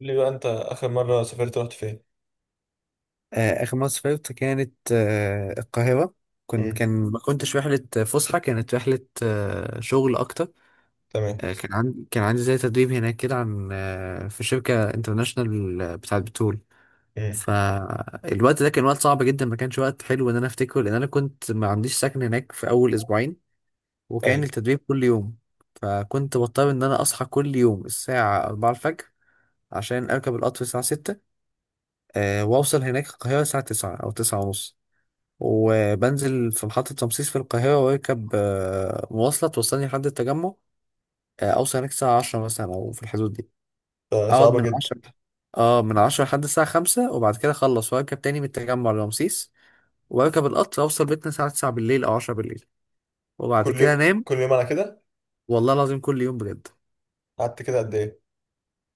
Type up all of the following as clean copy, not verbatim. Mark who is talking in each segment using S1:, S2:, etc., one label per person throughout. S1: قول لي بقى، انت اخر مره سافرت رحت فين؟
S2: آخر مرة سافرت كانت، القاهرة.
S1: امم.
S2: كان ما كنتش رحلة فسحة، كانت رحلة شغل أكتر.
S1: تمام.
S2: كان عندي زي تدريب هناك كده، عن في شركة انترناشونال بتاعة بترول.
S1: امم.
S2: فالوقت ده كان وقت صعب جدا، ما كانش وقت حلو إن أنا أفتكره، لأن أنا كنت ما عنديش سكن هناك في أول أسبوعين، وكان
S1: ايوه.
S2: التدريب كل يوم، فكنت بضطر إن أنا أصحى كل يوم الساعة 4 الفجر عشان أركب القطر الساعة 6. وأوصل هناك القاهرة الساعة 9 أو 9 ونص، وبنزل في محطة رمسيس في القاهرة، واركب مواصلة توصلني لحد التجمع. أوصل هناك الساعة عشرة مثلا أو في الحدود دي.
S1: ده
S2: أقعد
S1: صعبه
S2: من
S1: جدا.
S2: عشرة، اه من عشرة لحد الساعة خمسة، وبعد كده أخلص وأركب تاني من التجمع لرمسيس، وأركب القطر أوصل بيتنا الساعة تسعة بالليل أو عشرة بالليل، وبعد
S1: كل
S2: كده
S1: يوم
S2: أنام.
S1: كل يوم على كده؟
S2: والله العظيم كل يوم بجد.
S1: قعدت كده قد ايه؟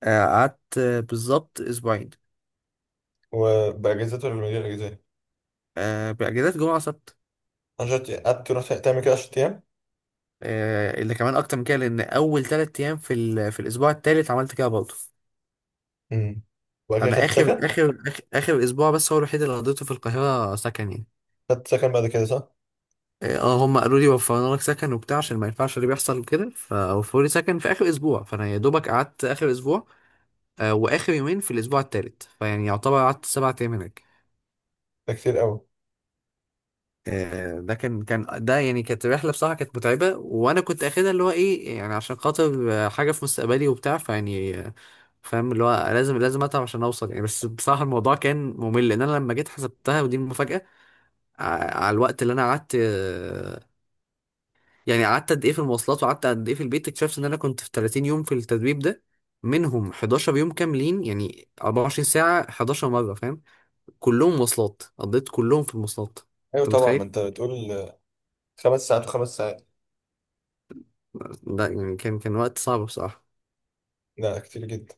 S2: قعدت بالظبط أسبوعين.
S1: وباجازات ولا من غير اجازات؟
S2: بأجازات، جمعة سبت.
S1: عشان قعدت رحت تعمل كده 10 ايام؟
S2: اللي كمان أكتر من كده، لأن أول تلات أيام في في الأسبوع التالت عملت كده برضه.
S1: امم. وبعد كده
S2: انا
S1: خدت
S2: اخر
S1: سكن؟
S2: اخر اخر, آخر اسبوع بس هو الوحيد اللي قضيته في القاهره سكن يعني.
S1: خدت سكن بعد كده، صح؟
S2: اه، هم قالوا لي وفرنا لك سكن وبتاع، عشان ما ينفعش اللي بيحصل وكده، فوفروا لي سكن في اخر اسبوع، فانا يا دوبك قعدت اخر اسبوع. واخر يومين في الاسبوع الثالث، فيعني يعتبر قعدت سبع ايام هناك.
S1: ده كتير قوي.
S2: ده كان ده يعني كانت رحله بصراحه، كانت متعبه، وانا كنت اخدها اللي هو ايه يعني عشان خاطر حاجه في مستقبلي وبتاع، فيعني فاهم اللي هو لازم اتعب عشان اوصل يعني. بس بصراحه الموضوع كان ممل، لان انا لما جيت حسبتها ودي المفاجاه. على الوقت اللي انا قعدت، يعني قعدت قد ايه في المواصلات وقعدت قد ايه في البيت، اكتشفت ان انا كنت في 30 يوم في التدريب ده. منهم 11 يوم كاملين، يعني 24 ساعة 11 مرة، فاهم؟ كلهم مواصلات، قضيت كلهم في المواصلات.
S1: ايوه
S2: انت
S1: طبعا، ما
S2: متخيل؟
S1: انت بتقول. 5 ساعات و5 ساعات.
S2: ده يعني كان وقت صعب بصراحة.
S1: لا، كتير جدا.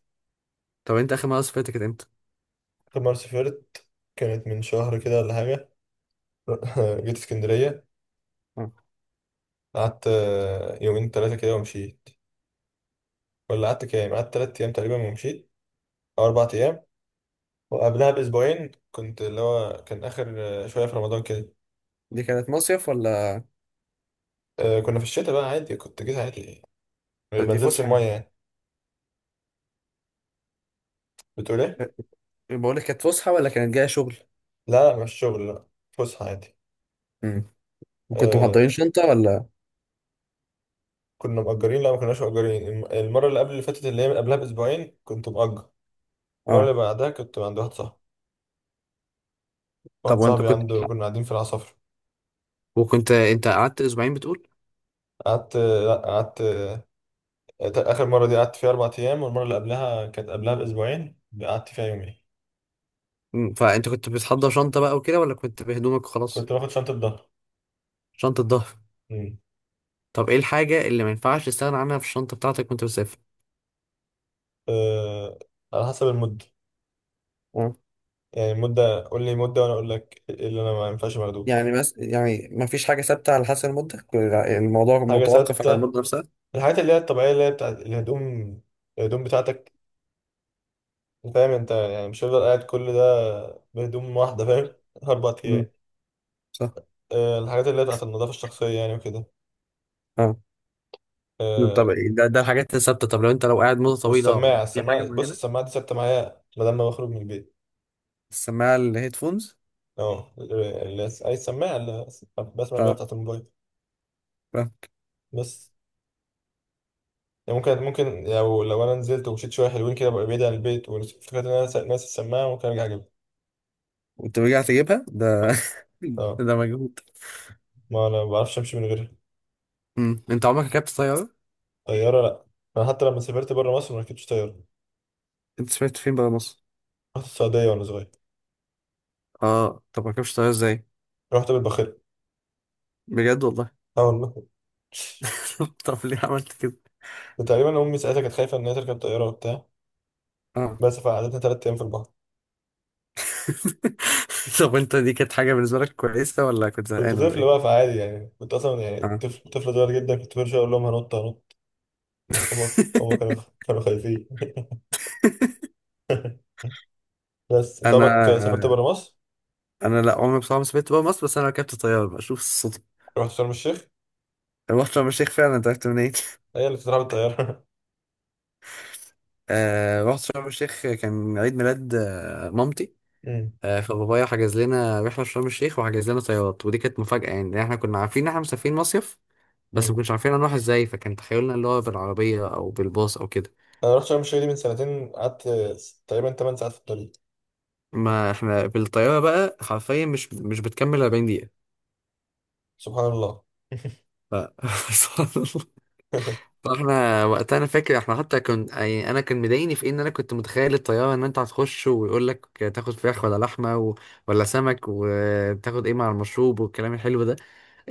S2: طب انت اخر مرة سافرت كانت امتى؟
S1: اخر مره سافرت كانت من شهر كده ولا حاجه. جيت اسكندريه.
S2: آه.
S1: قعدت يومين ثلاثه كده ومشيت. ولا قعدت كام، قعدت 3 ايام تقريبا ومشيت. او 4 ايام. وقبلها بأسبوعين كنت اللي هو كان آخر، شوية في رمضان كده.
S2: دي كانت مصيف ولا؟
S1: كنا في الشتاء بقى، عادي كنت جيت عادي. ما
S2: دي
S1: نزلتش
S2: فسحة
S1: المية
S2: يعني؟
S1: يعني. بتقول إيه؟
S2: بقول لك كانت فسحة ولا كانت جاية شغل؟
S1: لا لا، مش شغل لا. فسحة عادي.
S2: امم. وكنتوا
S1: آه،
S2: محضرين شنطة ولا؟
S1: كنا مأجرين، لا ما كناش مأجرين، المرة اللي قبل اللي فاتت، اللي هي من قبلها بأسبوعين كنت مأجر. المرة اللي
S2: اه.
S1: بعدها كنت عند واحد صاحبي. واحد
S2: طب وانت
S1: صاحبي
S2: كنت
S1: عنده، كنا قاعدين في العصافرة.
S2: وكنت انت قعدت اسبوعين بتقول؟
S1: لا قعدت آخر مرة دي قعدت فيها 4 أيام، والمرة اللي قبلها كانت قبلها بأسبوعين قعدت فيها يومين.
S2: فانت كنت بتحضر شنطة بقى وكده، ولا كنت بهدومك وخلاص؟
S1: كنت باخد شنطة ظهر.
S2: شنطة ظهر.
S1: أمم.
S2: طب ايه الحاجة اللي ما ينفعش تستغنى عنها في الشنطة بتاعتك وانت بتسافر؟
S1: آه، على حسب المدة.
S2: اه.
S1: يعني مدة، قول لي مدة وأنا أقول لك إيه اللي أنا ما ينفعش باخدوش.
S2: يعني بس يعني ما فيش حاجة ثابتة على حسب المدة، يعني الموضوع
S1: حاجة
S2: متوقف على
S1: ستة.
S2: المدة نفسها.
S1: الحاجات اللي هي الطبيعية اللي هي بتاعت الهدوم. الهدوم بتاعتك. فاهم أنت، يعني مش هفضل قاعد كل ده بهدوم واحدة، فاهم. أربع
S2: مم،
S1: أيام
S2: صح.
S1: الحاجات اللي هي بتاعت النظافة الشخصية يعني وكده.
S2: اه، طب
S1: آه،
S2: إيه ده؟ الحاجات الثابتة. طب لو انت لو قاعد مدة طويلة
S1: والسماعة،
S2: في حاجة
S1: بص،
S2: معينة؟
S1: السماعة دي ثابتة معايا ما دام ما بخرج من البيت.
S2: السماعة، الهيدفونز؟
S1: أه، أي سماعة اللي بسمع بيها
S2: اه،
S1: بتاعت الموبايل.
S2: فاهم.
S1: بس. يعني ممكن لو أنا نزلت ومشيت شوية حلوين كده، ببقى بعيد عن البيت وافتكرت إن أنا ناسي السماعة، ممكن أرجع أجيبها.
S2: كنت رجعت اجيبها ده؟
S1: أه. اه،
S2: ده مجهود.
S1: ما انا ما بعرفش امشي من غيرها.
S2: مم. انت عمرك ركبت طيارة؟
S1: طياره؟ لا. انا حتى لما سافرت بره مصر ما ركبتش طياره.
S2: انت سمعت فين بقى مصر؟
S1: رحت السعوديه وانا صغير.
S2: اه، طب ما ركبتش طيارة ازاي؟
S1: رحت بالباخره.
S2: بجد والله؟
S1: اول،
S2: طب ليه عملت كده؟
S1: ما تقريبا امي ساعتها كانت خايفه ان هي تركب طياره وبتاع.
S2: اه.
S1: بس فقعدتنا 3 ايام في البحر.
S2: طب انت دي كانت حاجة بالنسبة لك كويسة ولا كنت
S1: كنت
S2: زهقان ولا
S1: طفل بقى،
S2: ايه؟
S1: فعادي يعني كنت اصلا يعني
S2: اه.
S1: طفل صغير جدا، كنت برجع اقول لهم هنط هنط. هما كانوا، كانوا خايفين. بس انت عمرك سافرت
S2: انا
S1: بره مصر؟
S2: انا لا عمري بصراحة ما سافرت بقى مصر، بس انا ركبت طيارة بشوف الصدفة.
S1: رحت شرم الشيخ؟
S2: رحت شرم الشيخ فعلا. انت عرفت منين؟
S1: هي اللي بتتراح بالطياره.
S2: آه، رحت شرم الشيخ، كان عيد ميلاد مامتي.
S1: أمم.
S2: فبابايا حجز لنا رحلة في شرم الشيخ وحجز لنا طيارات، ودي كانت مفاجأة يعني، لأن احنا كنا عارفين ان احنا مسافرين مصيف، بس ما
S1: أمم.
S2: كناش عارفين هنروح ازاي، فكان تخيلنا اللي هو بالعربية او بالباص او كده.
S1: انا رحت شرم الشيخ دي من سنتين، قعدت تقريبا 8 ساعات في الطريق.
S2: ما احنا بالطيارة بقى حرفيا مش بتكمل 40 دقيقة.
S1: سبحان الله.
S2: ف... سبحان الله. فاحنا وقتها انا فاكر احنا حتى كنت يعني انا كان مضايقني في إيه؟ ان انا كنت متخيل الطيارة ان انت هتخش ويقول لك تاخد فراخ ولا لحمة ولا سمك، وتاخد ايه مع المشروب والكلام الحلو ده؟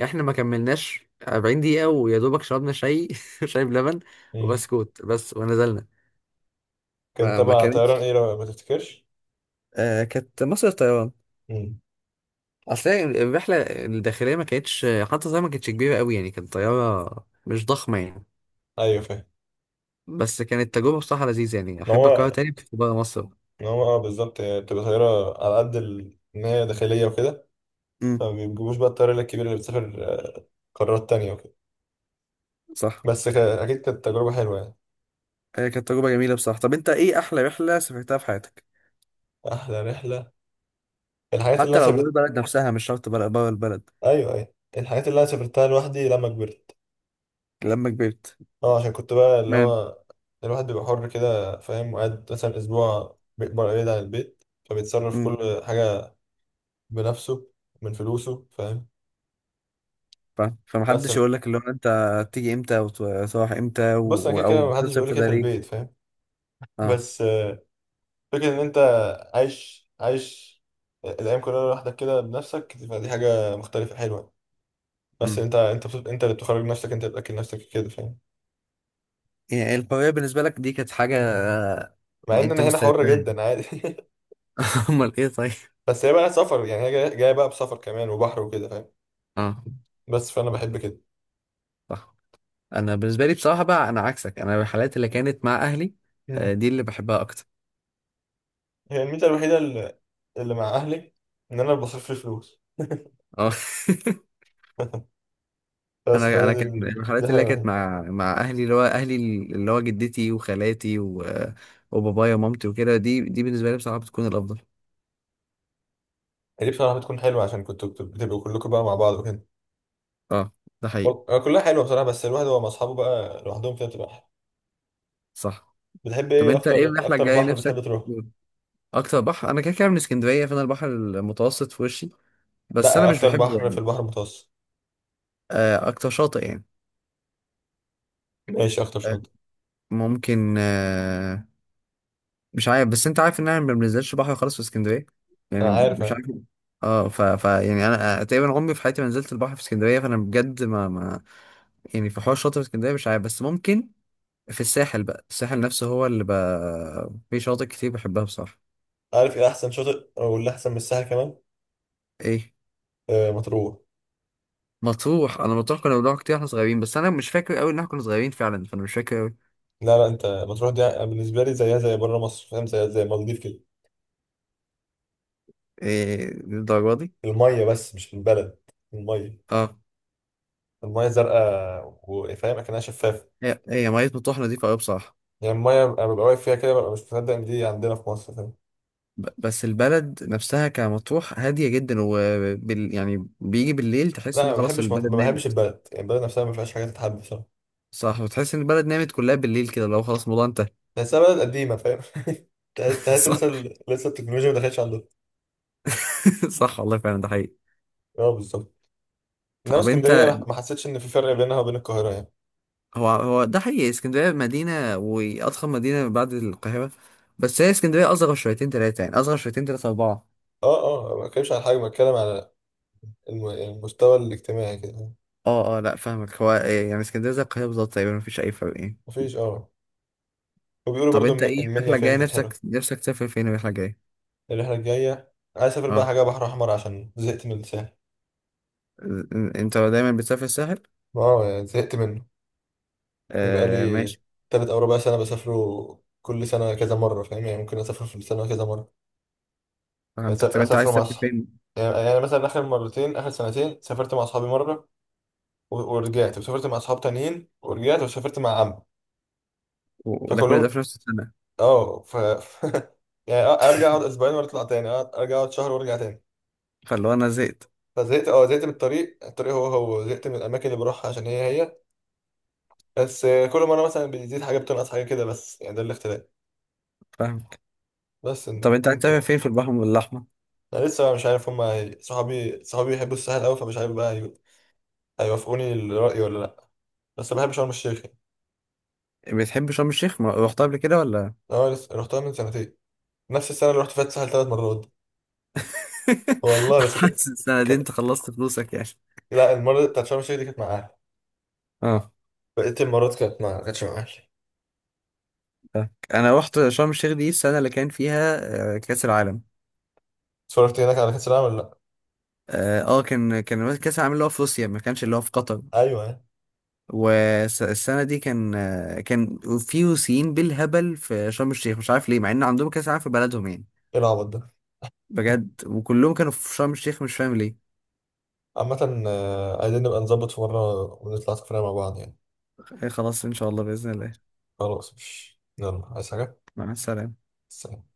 S2: احنا ما كملناش 40 دقيقة، ويا دوبك شربنا شاي شاي بلبن
S1: مم.
S2: وبسكوت بس، ونزلنا.
S1: كان
S2: فما
S1: تبع طيران
S2: كانتش
S1: ايه لو ما تفتكرش؟
S2: آه كانت مصر الطيران.
S1: مم.
S2: اصل هي الرحله الداخليه ما كانتش، حتى زي ما كانتش كبيره قوي يعني، كانت طياره مش ضخمه يعني.
S1: ايوه، فاهم.
S2: بس كانت تجربه بصراحه لذيذه، يعني
S1: ما
S2: احب اكررها
S1: هو،
S2: تاني بس بره مصر.
S1: اه بالظبط، هي بتبقى طياره على قد ان هي داخليه وكده.
S2: امم.
S1: فما بيجيبوش بقى الطياره الكبيره اللي بتسافر آه، قارات تانية وكده.
S2: صح.
S1: بس اكيد كانت تجربه حلوه يعني.
S2: هي كانت تجربة جميلة بصراحة. طب انت ايه احلى رحلة سافرتها في حياتك؟
S1: احلى رحله، الحاجات اللي
S2: حتى
S1: انا
S2: لو جوه
S1: سافرت.
S2: البلد نفسها، مش شرط بره، البلد.
S1: ايوه ايوه، الحاجات اللي انا سافرتها لوحدي لما كبرت.
S2: لما كبرت.
S1: اه عشان كنت بقى اللي
S2: تمام.
S1: هو، الواحد بيبقى حر كده فاهم، وقاعد مثلا اسبوع بيكبر بعيد عن البيت فبيتصرف
S2: امم.
S1: كل حاجه بنفسه، من فلوسه فاهم.
S2: فاهم.
S1: بس،
S2: فمحدش يقول لك اللي هو انت تيجي امتى وتروح امتى،
S1: بص انا كده
S2: او
S1: كده محدش
S2: بتصرف
S1: بيقول لي
S2: في
S1: كده
S2: ده
S1: في
S2: ليه؟
S1: البيت فاهم.
S2: اه.
S1: بس فكره ان انت عايش الايام كلها لوحدك كده بنفسك، فدي حاجه مختلفه حلوه. بس
S2: امم.
S1: انت اللي بتخرج نفسك، انت اللي بتاكل نفسك كده فاهم.
S2: يعني الحرية بالنسبة لك دي كانت حاجة،
S1: مع ان
S2: انت
S1: انا هنا
S2: مستعد
S1: حر
S2: لها؟
S1: جدا عادي
S2: امال ايه طيب؟
S1: بس هي بقى سفر، يعني هي جاية بقى بسفر كمان وبحر وكده فاهم.
S2: اه،
S1: بس فانا بحب كده.
S2: صح. انا بالنسبه لي بصراحه بقى، انا عكسك، انا الحالات اللي كانت مع اهلي،
S1: مم.
S2: دي اللي بحبها اكتر.
S1: هي الميزه الوحيده اللي مع اهلي، ان انا بصرف لي فلوس.
S2: اه.
S1: بس
S2: انا
S1: فهي
S2: انا
S1: دي،
S2: كان
S1: دي
S2: الحالات
S1: الحاجه
S2: اللي كانت
S1: الوحيده.
S2: مع اهلي، اللي هو اهلي، اللي هو جدتي وخالاتي وبابايا ومامتي وكده، دي بالنسبه لي بصراحه بتكون الافضل.
S1: هي دي بصراحه بتكون حلوه، عشان كنتوا بتبقوا كلكم بقى مع بعض وكده.
S2: اه، ده حقيقي.
S1: كلها حلوه بصراحه، بس الواحد هو مع اصحابه بقى لوحدهم كده بتبقى احلى.
S2: صح.
S1: بتحب
S2: طب
S1: ايه
S2: انت ايه
S1: اكتر
S2: الرحله
S1: اكتر،
S2: الجايه
S1: بحر بتحب
S2: نفسك؟
S1: تروح؟
S2: اكتر بحر؟ انا كده كده من اسكندريه، فانا البحر المتوسط في وشي، بس انا
S1: لا،
S2: مش
S1: اكتر
S2: بحبه
S1: بحر في
S2: يعني.
S1: البحر المتوسط.
S2: اكتر شاطئ يعني.
S1: ماشي اكتر
S2: آه،
S1: شاطئ.
S2: ممكن. مش عارف، بس انت عارف ان انا ما بنزلش بحر خالص في اسكندريه،
S1: انا
S2: يعني
S1: عارف
S2: مش
S1: اهي.
S2: عارف. اه. ف... ف يعني انا تقريبا عمري في حياتي ما نزلت البحر في اسكندريه، فانا بجد ما يعني. في حوار شاطئ في اسكندريه مش عارف، بس ممكن في الساحل بقى. الساحل نفسه هو اللي بقى في شواطئ كتير بحبها بصراحه.
S1: عارف ايه احسن شاطئ او اللي احسن من الساحل كمان؟
S2: ايه؟
S1: آه، مطروح.
S2: مطروح؟ انا مطروح كنا بنروح كتير واحنا صغيرين، بس انا مش فاكر قوي ان احنا كنا صغيرين فعلا، فانا مش فاكر قوي.
S1: لا لا، انت مطروح دي بالنسبه لي زيها زي بره مصر فاهم، زي المالديف كده.
S2: ايه الدرجه دي؟
S1: الميه بس مش البلد. الميه،
S2: اه،
S1: الميه زرقاء وفاهم اكنها شفافه.
S2: هي ميه مطروح نظيفه قوي بصراحه.
S1: يعني الميه انا ببقى واقف فيها كده ببقى مش مصدق ان دي عندنا في مصر فاهم.
S2: بس البلد نفسها كمطروح هادية جدا، يعني بيجي بالليل تحس
S1: لا
S2: ان خلاص البلد
S1: ما بحبش
S2: نامت.
S1: البلد، يعني البلد نفسها ما فيهاش حاجه تتحب بصراحه.
S2: صح. وتحس ان البلد نامت كلها بالليل كده، لو خلاص الموضوع انتهى.
S1: بس بلد قديمة فاهم. تحس تحس
S2: صح.
S1: لسه التكنولوجيا ما دخلتش عندنا.
S2: صح والله، فعلا ده حقيقي.
S1: اه بالظبط. انما
S2: طب
S1: اسكندرية
S2: انت
S1: ما حسيتش ان في فرق بينها وبين القاهرة يعني.
S2: هو ده حقيقي، اسكندرية مدينة واضخم مدينة بعد القاهرة، بس هي اسكندرية اصغر شويتين تلاتة، يعني اصغر شويتين تلاتة اربعة.
S1: اه اه، ما بتكلمش عن حاجة، بتكلم على المستوى الاجتماعي كده.
S2: اه، اه، لا فاهمك. هو إيه؟ يعني اسكندرية زي القاهرة بالظبط تقريبا، مفيش اي فرق يعني.
S1: مفيش، اه. وبيقولوا
S2: طب
S1: برضو
S2: انت ايه
S1: المنيا
S2: الرحلة
S1: فيها
S2: الجاية،
S1: حتت حلوة.
S2: نفسك تسافر فين الرحلة الجاية؟
S1: الرحلة الجاية عايز اسافر بقى
S2: اه.
S1: حاجة بحر احمر عشان زهقت من الساحل.
S2: انت دايما بتسافر الساحل؟
S1: اه يعني زهقت منه. يبقى
S2: آه،
S1: لي
S2: ماشي.
S1: تلات او ربع سنة بسافره، كل سنة كذا مرة فاهم، يعني ممكن اسافر في السنة كذا مرة.
S2: فهمتك. طب انت عايز
S1: اسافر مع
S2: تسافر
S1: اصحابي.
S2: فين؟
S1: يعني مثلا اخر مرتين اخر سنتين سافرت مع اصحابي مره، ورجعت وسافرت مع اصحاب تانيين، ورجعت وسافرت مع عم.
S2: وده كل ده
S1: فكلهم،
S2: في نفس السنة؟
S1: اه، يعني ارجع اقعد اسبوعين واطلع تاني، ارجع اقعد شهر وارجع تاني.
S2: فاللي هو انا زهقت.
S1: فزهقت، زهقت من الطريق، الطريق هو زهقت من الاماكن اللي بروحها عشان هي. بس كل مره مثلا بتزيد حاجه بتنقص حاجه كده، بس يعني ده الاختلاف.
S2: فاهمك.
S1: بس
S2: طب
S1: إن
S2: انت عايز تسافر
S1: انت،
S2: فين في البحر الأحمر؟
S1: انا لسه بقى مش عارف صحابي بيحبوا الساحل قوي، فمش عارف بقى هيوافقوني الرأي ولا لا. بس بحب شرم الشيخ.
S2: بتحب شرم الشيخ؟ ما رحتها قبل كده ولا؟
S1: اه، لسه رحتها من سنتين. نفس السنه اللي رحت فيها الساحل 3 مرات. والله بس كانت،
S2: حاسس السنة دي
S1: كان...
S2: انت خلصت فلوسك يعني؟
S1: لا، المره بتاعت شرم الشيخ دي كانت مع اهلي.
S2: اه،
S1: بقيه المرات كانتش مع اهلي.
S2: فاهمك. انا رحت شرم الشيخ دي السنة اللي كان فيها كأس العالم.
S1: اتفرجت هناك على كاس العالم ولا لا؟
S2: اه. كان كأس العالم اللي هو في روسيا، ما كانش اللي هو في قطر.
S1: ايوه ايه.
S2: والسنة دي كان كان في روسيين بالهبل في شرم الشيخ، مش عارف ليه، مع ان عندهم كأس العالم في بلدهم يعني.
S1: العبط ده!
S2: بجد وكلهم كانوا في شرم الشيخ، مش فاهم ليه.
S1: عامه، عايزين نبقى نظبط في مره ونطلع سفريه مع بعض يعني.
S2: خلاص ان شاء الله باذن الله.
S1: خلاص، مش، يلا عايز حاجه؟
S2: مع السلامه.
S1: سلام.